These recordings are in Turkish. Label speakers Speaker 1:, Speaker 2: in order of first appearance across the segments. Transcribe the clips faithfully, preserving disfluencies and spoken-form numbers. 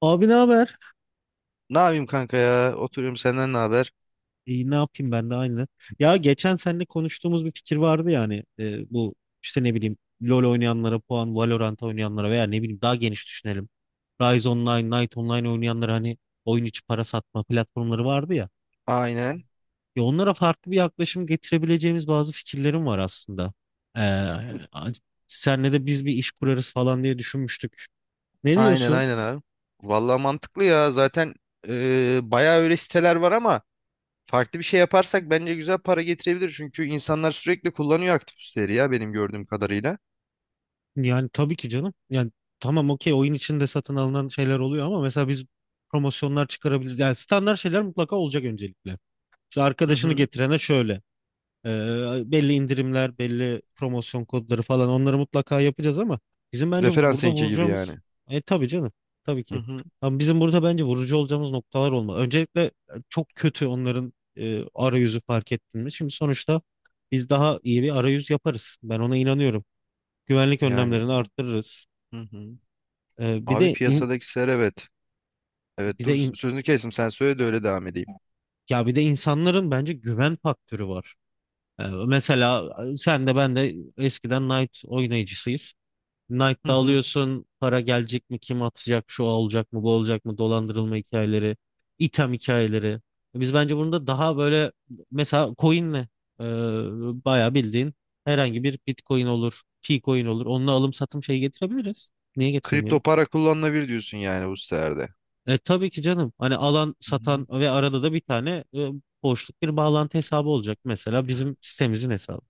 Speaker 1: Abi ne haber?
Speaker 2: Ne yapayım kanka ya? Oturuyorum, senden ne haber?
Speaker 1: İyi ne yapayım ben de aynı. Ya geçen seninle konuştuğumuz bir fikir vardı yani bu işte ne bileyim LoL oynayanlara puan, Valorant oynayanlara veya ne bileyim daha geniş düşünelim. Rise Online, Night Online oynayanlara hani oyun içi para satma platformları vardı ya.
Speaker 2: Aynen.
Speaker 1: Ya onlara farklı bir yaklaşım getirebileceğimiz bazı fikirlerim var aslında. Ee, Senle de biz bir iş kurarız falan diye düşünmüştük. Ne
Speaker 2: Aynen
Speaker 1: diyorsun?
Speaker 2: aynen abi. Vallahi mantıklı ya. Zaten e, bayağı öyle siteler var ama farklı bir şey yaparsak bence güzel para getirebilir. Çünkü insanlar sürekli kullanıyor aktif siteleri ya, benim gördüğüm kadarıyla.
Speaker 1: Yani tabii ki canım. Yani tamam okey, oyun içinde satın alınan şeyler oluyor ama mesela biz promosyonlar çıkarabiliriz. Yani standart şeyler mutlaka olacak öncelikle. İşte
Speaker 2: Hı
Speaker 1: arkadaşını
Speaker 2: hı.
Speaker 1: getirene şöyle. e, Belli indirimler, belli promosyon kodları falan onları mutlaka yapacağız ama bizim bence
Speaker 2: Referans
Speaker 1: burada
Speaker 2: linki gibi
Speaker 1: vuracağımız...
Speaker 2: yani.
Speaker 1: e Tabii canım. Tabii
Speaker 2: Hı
Speaker 1: ki.
Speaker 2: hı.
Speaker 1: Ama bizim burada bence vurucu olacağımız noktalar olmalı. Öncelikle e, çok kötü onların e, arayüzü, fark ettin mi? Şimdi sonuçta biz daha iyi bir arayüz yaparız. Ben ona inanıyorum, güvenlik
Speaker 2: Yani.
Speaker 1: önlemlerini arttırırız.
Speaker 2: Hı hı.
Speaker 1: Ee, bir
Speaker 2: Abi,
Speaker 1: de in-
Speaker 2: piyasadaki siteler, evet. Evet,
Speaker 1: bir de
Speaker 2: dur
Speaker 1: in-
Speaker 2: sözünü kestim, sen söyle de öyle devam edeyim.
Speaker 1: Ya bir de insanların bence güven faktörü var. Ee, mesela sen de ben de eskiden Knight oynayıcısıyız.
Speaker 2: Hı
Speaker 1: Knight'ta
Speaker 2: hı.
Speaker 1: alıyorsun, para gelecek mi, kim atacak, şu olacak mı, bu olacak mı, dolandırılma hikayeleri, item hikayeleri. Biz bence bunu da daha böyle, mesela coin'le e, bayağı bildiğin herhangi bir Bitcoin olur, T-Coin olur. Onunla alım satım şeyi getirebiliriz. Niye getiremeyelim?
Speaker 2: Kripto para kullanılabilir diyorsun yani bu sitelerde.
Speaker 1: E, tabii ki canım. Hani alan, satan ve arada da bir tane e, boşluk bir bağlantı hesabı olacak. Mesela bizim sitemizin hesabı.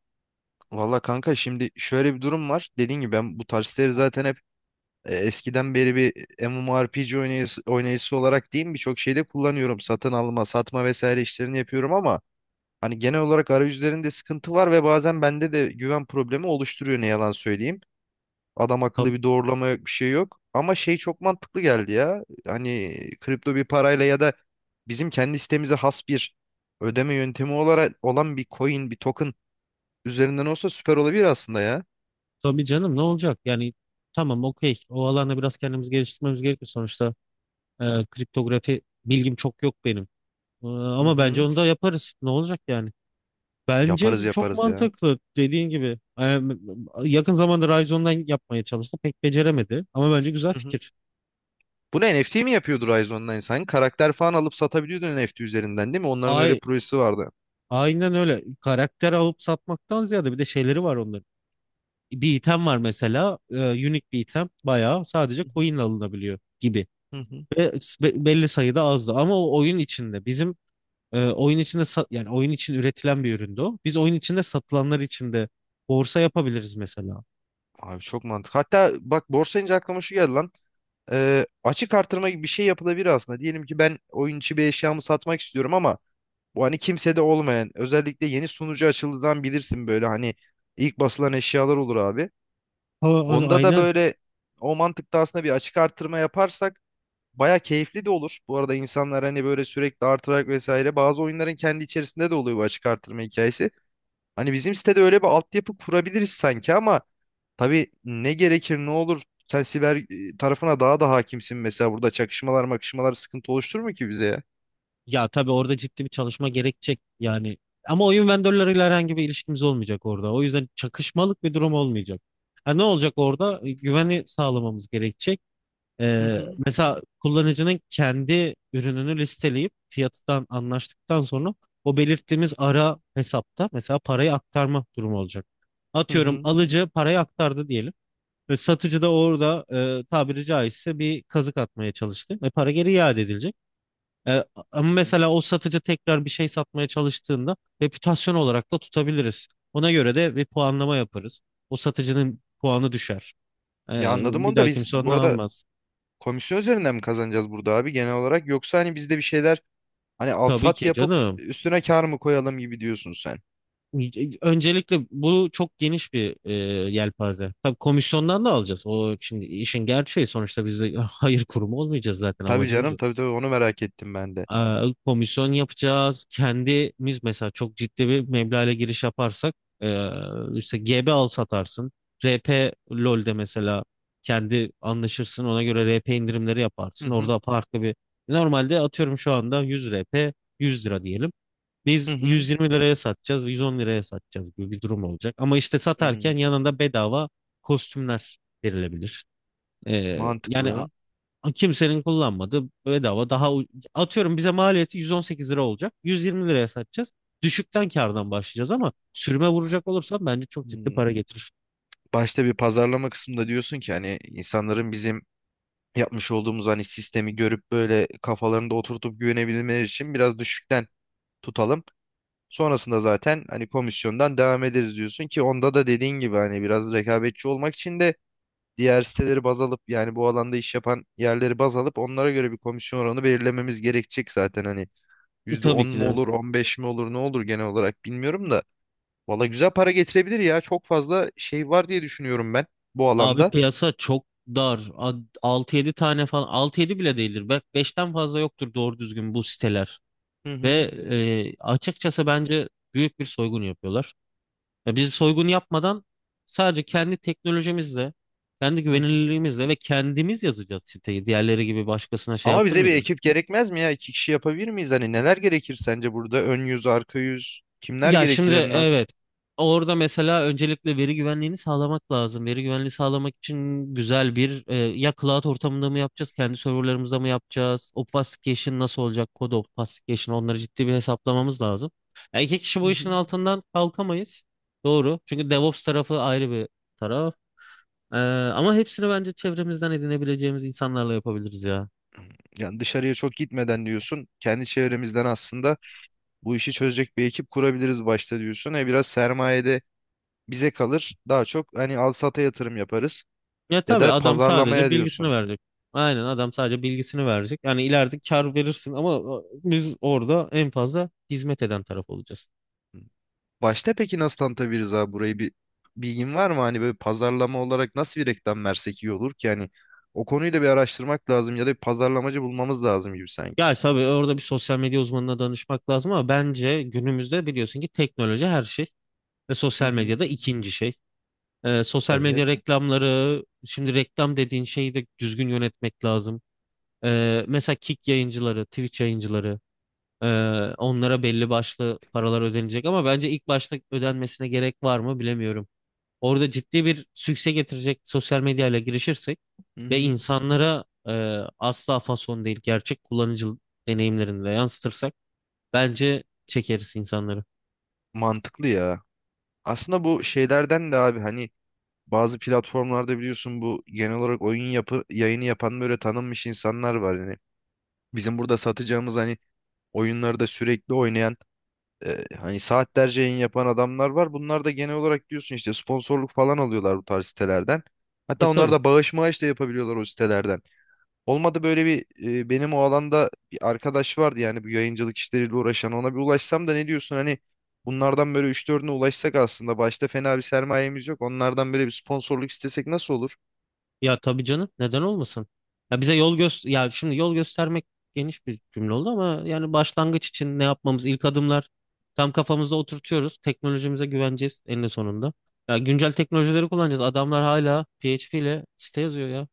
Speaker 2: Valla kanka, şimdi şöyle bir durum var. Dediğim gibi, ben bu tarzları zaten hep e, eskiden beri bir M M O R P G oynayısı, oynayıcısı olarak diyeyim, birçok şeyde kullanıyorum. Satın alma, satma vesaire işlerini yapıyorum ama hani genel olarak arayüzlerinde sıkıntı var ve bazen bende de güven problemi oluşturuyor, ne yalan söyleyeyim. Adam akıllı
Speaker 1: Tabii,
Speaker 2: bir doğrulama yok, bir şey yok. Ama şey çok mantıklı geldi ya. Hani kripto bir parayla ya da bizim kendi sitemize has bir ödeme yöntemi olarak olan bir coin, bir token üzerinden olsa süper olabilir aslında ya.
Speaker 1: tabii canım, ne olacak? Yani tamam okey. O alanda biraz kendimizi geliştirmemiz gerekiyor. Sonuçta e, kriptografi bilgim çok yok benim. E,
Speaker 2: Hı
Speaker 1: ama bence
Speaker 2: hı.
Speaker 1: onu da yaparız. Ne olacak yani?
Speaker 2: Yaparız
Speaker 1: Bence çok
Speaker 2: yaparız ya.
Speaker 1: mantıklı dediğin gibi. E, yakın zamanda Ryzen'dan yapmaya çalıştı. Pek beceremedi. Ama bence güzel
Speaker 2: Hı hı.
Speaker 1: fikir.
Speaker 2: Bunu N F T mi yapıyordu Rise Online? Sen karakter falan alıp satabiliyordun N F T üzerinden, değil mi? Onların öyle bir
Speaker 1: Ay,
Speaker 2: projesi vardı.
Speaker 1: aynen öyle. Karakter alıp satmaktan ziyade bir de şeyleri var onların. Bir item var mesela. E, unique bir item. Bayağı sadece
Speaker 2: Hı hı.
Speaker 1: coin ile alınabiliyor gibi.
Speaker 2: Hı hı.
Speaker 1: Ve s- be- belli sayıda azdı. Ama o oyun içinde bizim e, oyun içinde sa- yani oyun için üretilen bir üründü o. Biz oyun içinde satılanlar içinde borsa yapabiliriz mesela.
Speaker 2: Abi, çok mantıklı. Hatta bak, borsa deyince aklıma şu geldi lan. Ee, açık artırma gibi bir şey yapılabilir aslında. Diyelim ki ben oyun içi bir eşyamı satmak istiyorum ama bu, hani kimsede olmayan, özellikle yeni sunucu açıldığından bilirsin, böyle hani ilk basılan eşyalar olur abi.
Speaker 1: Ha, a-
Speaker 2: Onda da
Speaker 1: aynen.
Speaker 2: böyle o mantıkta aslında bir açık artırma yaparsak baya keyifli de olur. Bu arada insanlar hani böyle sürekli artırarak vesaire, bazı oyunların kendi içerisinde de oluyor bu açık artırma hikayesi. Hani bizim sitede öyle bir altyapı kurabiliriz sanki ama tabii ne gerekir, ne olur. Sen siber e, tarafına daha da hakimsin, mesela burada çakışmalar makışmalar sıkıntı oluşturur mu ki bize ya?
Speaker 1: Ya tabii orada ciddi bir çalışma gerekecek. Yani ama oyun vendorlarıyla herhangi bir ilişkimiz olmayacak orada. O yüzden çakışmalık bir durum olmayacak. Ha, ne olacak orada? E, Güveni sağlamamız gerekecek.
Speaker 2: Hı
Speaker 1: Ee,
Speaker 2: hı,
Speaker 1: Mesela kullanıcının kendi ürününü listeleyip fiyatından anlaştıktan sonra o belirttiğimiz ara hesapta mesela parayı aktarma durumu olacak.
Speaker 2: hı
Speaker 1: Atıyorum
Speaker 2: hı.
Speaker 1: alıcı parayı aktardı diyelim. Ve satıcı da orada e, tabiri caizse bir kazık atmaya çalıştı ve para geri iade edilecek. E, Ama
Speaker 2: Hı.
Speaker 1: mesela o satıcı tekrar bir şey satmaya çalıştığında reputasyon olarak da tutabiliriz. Ona göre de bir puanlama yaparız. O satıcının puanı düşer. E,
Speaker 2: Ya anladım,
Speaker 1: Bir
Speaker 2: onu da
Speaker 1: daha
Speaker 2: biz
Speaker 1: kimse
Speaker 2: bu
Speaker 1: ondan
Speaker 2: arada
Speaker 1: almaz.
Speaker 2: komisyon üzerinden mi kazanacağız burada abi genel olarak, yoksa hani biz de bir şeyler hani al
Speaker 1: Tabii
Speaker 2: sat
Speaker 1: ki
Speaker 2: yapıp
Speaker 1: canım.
Speaker 2: üstüne kar mı koyalım gibi diyorsun sen.
Speaker 1: Öncelikle bu çok geniş bir e, yelpaze. Tabii komisyondan da alacağız. O, şimdi işin gerçeği, sonuçta biz de hayır kurumu olmayacağız zaten,
Speaker 2: Tabii
Speaker 1: amacımız o.
Speaker 2: canım, tabii tabii, onu merak ettim ben de.
Speaker 1: Ee, komisyon yapacağız. Kendimiz mesela çok ciddi bir meblağla giriş yaparsak e, işte G B al satarsın. R P LoL'de mesela kendi anlaşırsın, ona göre R P indirimleri yaparsın. Orada farklı bir... Normalde atıyorum, şu anda yüz R P yüz lira diyelim. Biz
Speaker 2: Hı hı.
Speaker 1: yüz yirmi liraya satacağız, yüz on liraya satacağız gibi bir durum olacak. Ama işte
Speaker 2: Hmm,
Speaker 1: satarken yanında bedava kostümler verilebilir. Ee, yani a-
Speaker 2: mantıklı.
Speaker 1: kimsenin kullanmadığı bedava daha u- atıyorum bize maliyeti yüz on sekiz lira olacak. yüz yirmi liraya satacağız. Düşükten kardan başlayacağız ama sürüme vuracak olursam bence çok ciddi para
Speaker 2: Hmm.
Speaker 1: getirir.
Speaker 2: Başta bir pazarlama kısmında diyorsun ki, hani insanların bizim yapmış olduğumuz hani sistemi görüp böyle kafalarında oturtup güvenebilmeleri için biraz düşükten tutalım. Sonrasında zaten hani komisyondan devam ederiz diyorsun ki, onda da dediğin gibi hani biraz rekabetçi olmak için de diğer siteleri baz alıp, yani bu alanda iş yapan yerleri baz alıp onlara göre bir komisyon oranı belirlememiz gerekecek zaten, hani
Speaker 1: E,
Speaker 2: yüzde
Speaker 1: tabii
Speaker 2: on
Speaker 1: ki
Speaker 2: mu
Speaker 1: de.
Speaker 2: olur, on beş mi olur, ne olur, genel olarak bilmiyorum da. Valla güzel para getirebilir ya. Çok fazla şey var diye düşünüyorum ben bu
Speaker 1: Abi
Speaker 2: alanda.
Speaker 1: piyasa çok dar. A- altı yedi tane falan, altı yedi bile değildir. Bak beşten fazla yoktur doğru düzgün bu siteler.
Speaker 2: Hı
Speaker 1: Ve
Speaker 2: hı.
Speaker 1: e, açıkçası bence büyük bir soygun yapıyorlar. Ya biz soygun yapmadan sadece kendi teknolojimizle, kendi
Speaker 2: Hı. Hı.
Speaker 1: güvenilirliğimizle, ve kendimiz yazacağız siteyi. Diğerleri gibi başkasına şey
Speaker 2: Ama bize bir
Speaker 1: yaptırmayacağız.
Speaker 2: ekip gerekmez mi ya? İki kişi yapabilir miyiz? Hani neler gerekir sence burada? Ön yüz, arka yüz, kimler
Speaker 1: Ya
Speaker 2: gerekir
Speaker 1: şimdi
Speaker 2: en az?
Speaker 1: evet. Orada mesela öncelikle veri güvenliğini sağlamak lazım. Veri güvenliği sağlamak için güzel bir e, ya cloud ortamında mı yapacağız, kendi serverlarımızda mı yapacağız? Obfuscation nasıl olacak? Kod obfuscation, onları ciddi bir hesaplamamız lazım. Ya iki kişi
Speaker 2: Hı
Speaker 1: bu
Speaker 2: hı.
Speaker 1: işin altından kalkamayız. Doğru. Çünkü DevOps tarafı ayrı bir taraf. Ee, Ama hepsini bence çevremizden edinebileceğimiz insanlarla yapabiliriz ya.
Speaker 2: Yani dışarıya çok gitmeden diyorsun. Kendi çevremizden aslında bu işi çözecek bir ekip kurabiliriz başta diyorsun. E, biraz sermayede bize kalır. Daha çok hani al sata yatırım yaparız.
Speaker 1: Ya
Speaker 2: Ya
Speaker 1: tabii,
Speaker 2: da
Speaker 1: adam sadece
Speaker 2: pazarlamaya
Speaker 1: bilgisini
Speaker 2: diyorsun.
Speaker 1: verecek. Aynen, adam sadece bilgisini verecek. Yani ileride kar verirsin ama e, biz orada en fazla hizmet eden taraf olacağız.
Speaker 2: Başta peki nasıl tanıtabiliriz abi burayı, bir bilgin var mı? Hani böyle pazarlama olarak nasıl bir reklam versek iyi olur ki? Yani o konuyu da bir araştırmak lazım, ya da bir pazarlamacı bulmamız lazım gibi sanki.
Speaker 1: Ya tabii orada bir sosyal medya uzmanına danışmak lazım ama bence günümüzde biliyorsun ki teknoloji her şey, ve
Speaker 2: Hı
Speaker 1: sosyal
Speaker 2: hı.
Speaker 1: medyada ikinci şey. E, sosyal medya
Speaker 2: Evet.
Speaker 1: reklamları, şimdi reklam dediğin şeyi de düzgün yönetmek lazım. E, mesela Kick yayıncıları, Twitch yayıncıları, ee, onlara belli başlı paralar ödenecek ama bence ilk başta ödenmesine gerek var mı bilemiyorum. Orada ciddi bir sükse getirecek sosyal medyayla girişirsek
Speaker 2: Hı
Speaker 1: ve
Speaker 2: hı.
Speaker 1: insanlara e, asla fason değil, gerçek kullanıcı deneyimlerini de yansıtırsak bence çekeriz insanları.
Speaker 2: Mantıklı ya. Aslında bu şeylerden de abi, hani bazı platformlarda biliyorsun bu genel olarak oyun yapı yayını yapan böyle tanınmış insanlar var. Yani bizim burada satacağımız hani oyunları da sürekli oynayan, E, hani saatlerce yayın yapan adamlar var. Bunlar da genel olarak diyorsun işte sponsorluk falan alıyorlar bu tarz sitelerden.
Speaker 1: E
Speaker 2: Hatta onlar
Speaker 1: tabii.
Speaker 2: da bağış mağış da yapabiliyorlar o sitelerden. Olmadı böyle bir e, benim o alanda bir arkadaş vardı yani bu yayıncılık işleriyle uğraşan, ona bir ulaşsam da, ne diyorsun hani bunlardan böyle üç dördüne ulaşsak, aslında başta fena bir sermayemiz yok. Onlardan böyle bir sponsorluk istesek nasıl olur?
Speaker 1: Ya tabii canım, neden olmasın? Ya bize yol göz, ya şimdi yol göstermek geniş bir cümle oldu ama yani başlangıç için ne yapmamız, ilk adımlar tam kafamıza oturtuyoruz. Teknolojimize güveneceğiz eninde sonunda. Ya güncel teknolojileri kullanacağız. Adamlar hala P H P ile site yazıyor ya.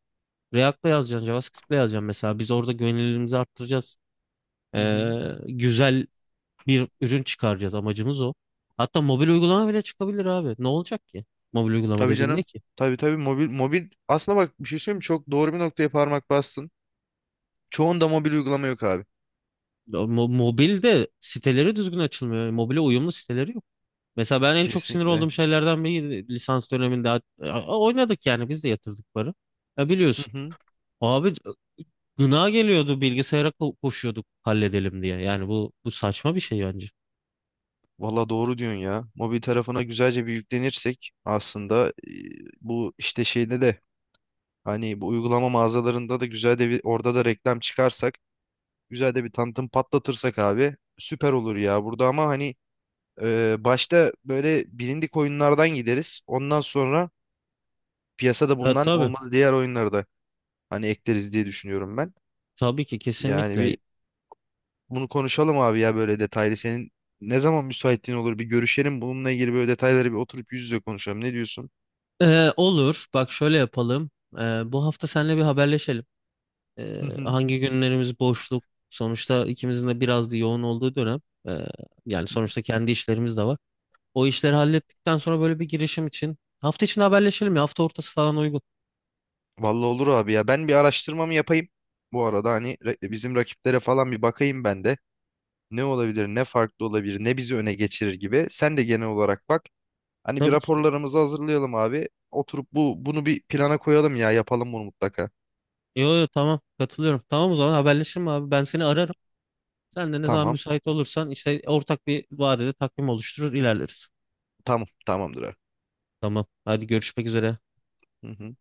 Speaker 1: React'la yazacaksın, JavaScript'le yazacaksın mesela. Biz orada güvenilirliğimizi arttıracağız.
Speaker 2: Hı hı.
Speaker 1: Ee, güzel bir ürün çıkaracağız. Amacımız o. Hatta mobil uygulama bile çıkabilir abi. Ne olacak ki? Mobil uygulama
Speaker 2: Tabii
Speaker 1: dediğin ne
Speaker 2: canım.
Speaker 1: ki?
Speaker 2: Tabii tabii, mobil mobil aslında bak, bir şey söyleyeyim mi? Çok doğru bir noktaya parmak bastın. Çoğunda mobil uygulama yok abi.
Speaker 1: Ya mo- Mobilde siteleri düzgün açılmıyor. Yani Mobile uyumlu siteleri yok. Mesela ben en çok sinir
Speaker 2: Kesinlikle.
Speaker 1: olduğum şeylerden biri, lisans döneminde a- a- oynadık yani, biz de yatırdık para. Ya biliyorsun. Abi gına geliyordu, bilgisayara ko- koşuyorduk halledelim diye. Yani bu bu saçma bir şey bence.
Speaker 2: Valla doğru diyorsun ya. Mobil tarafına güzelce bir yüklenirsek aslında e, bu işte şeyde de hani bu uygulama mağazalarında da güzel de bir orada da reklam çıkarsak, güzel de bir tanıtım patlatırsak abi süper olur ya. Burada ama hani e, başta böyle bilindik oyunlardan gideriz. Ondan sonra piyasada
Speaker 1: Ya
Speaker 2: bulunan
Speaker 1: tabii.
Speaker 2: olmalı diğer oyunları da hani ekleriz diye düşünüyorum ben.
Speaker 1: Tabii ki,
Speaker 2: Yani
Speaker 1: kesinlikle.
Speaker 2: bir bunu konuşalım abi ya, böyle detaylı. Senin ne zaman müsaitliğin olur, bir görüşelim. Bununla ilgili böyle detayları bir oturup yüz yüze konuşalım. Ne diyorsun?
Speaker 1: Ee, olur. Bak şöyle yapalım. Ee, bu hafta seninle bir haberleşelim. Ee,
Speaker 2: Hı hı.
Speaker 1: hangi günlerimiz boşluk? Sonuçta ikimizin de biraz bir yoğun olduğu dönem. Ee, Yani sonuçta kendi işlerimiz de var. O işleri hallettikten sonra böyle bir girişim için hafta içinde haberleşelim ya. Hafta ortası falan uygun.
Speaker 2: Vallahi olur abi ya. Ben bir araştırmamı yapayım. Bu arada hani re- bizim rakiplere falan bir bakayım ben de. Ne olabilir, ne farklı olabilir, ne bizi öne geçirir gibi. Sen de genel olarak bak. Hani bir
Speaker 1: Tabii ki.
Speaker 2: raporlarımızı hazırlayalım abi. Oturup bu bunu bir plana koyalım ya. Yapalım bunu mutlaka.
Speaker 1: Yo yo, tamam, katılıyorum. Tamam, o zaman haberleşelim abi. Ben seni ararım. Sen de ne zaman
Speaker 2: Tamam.
Speaker 1: müsait olursan, işte ortak bir vadede takvim oluşturur ilerleriz.
Speaker 2: Tamam. Tamamdır abi.
Speaker 1: Tamam. Hadi, görüşmek üzere.
Speaker 2: Hı hı.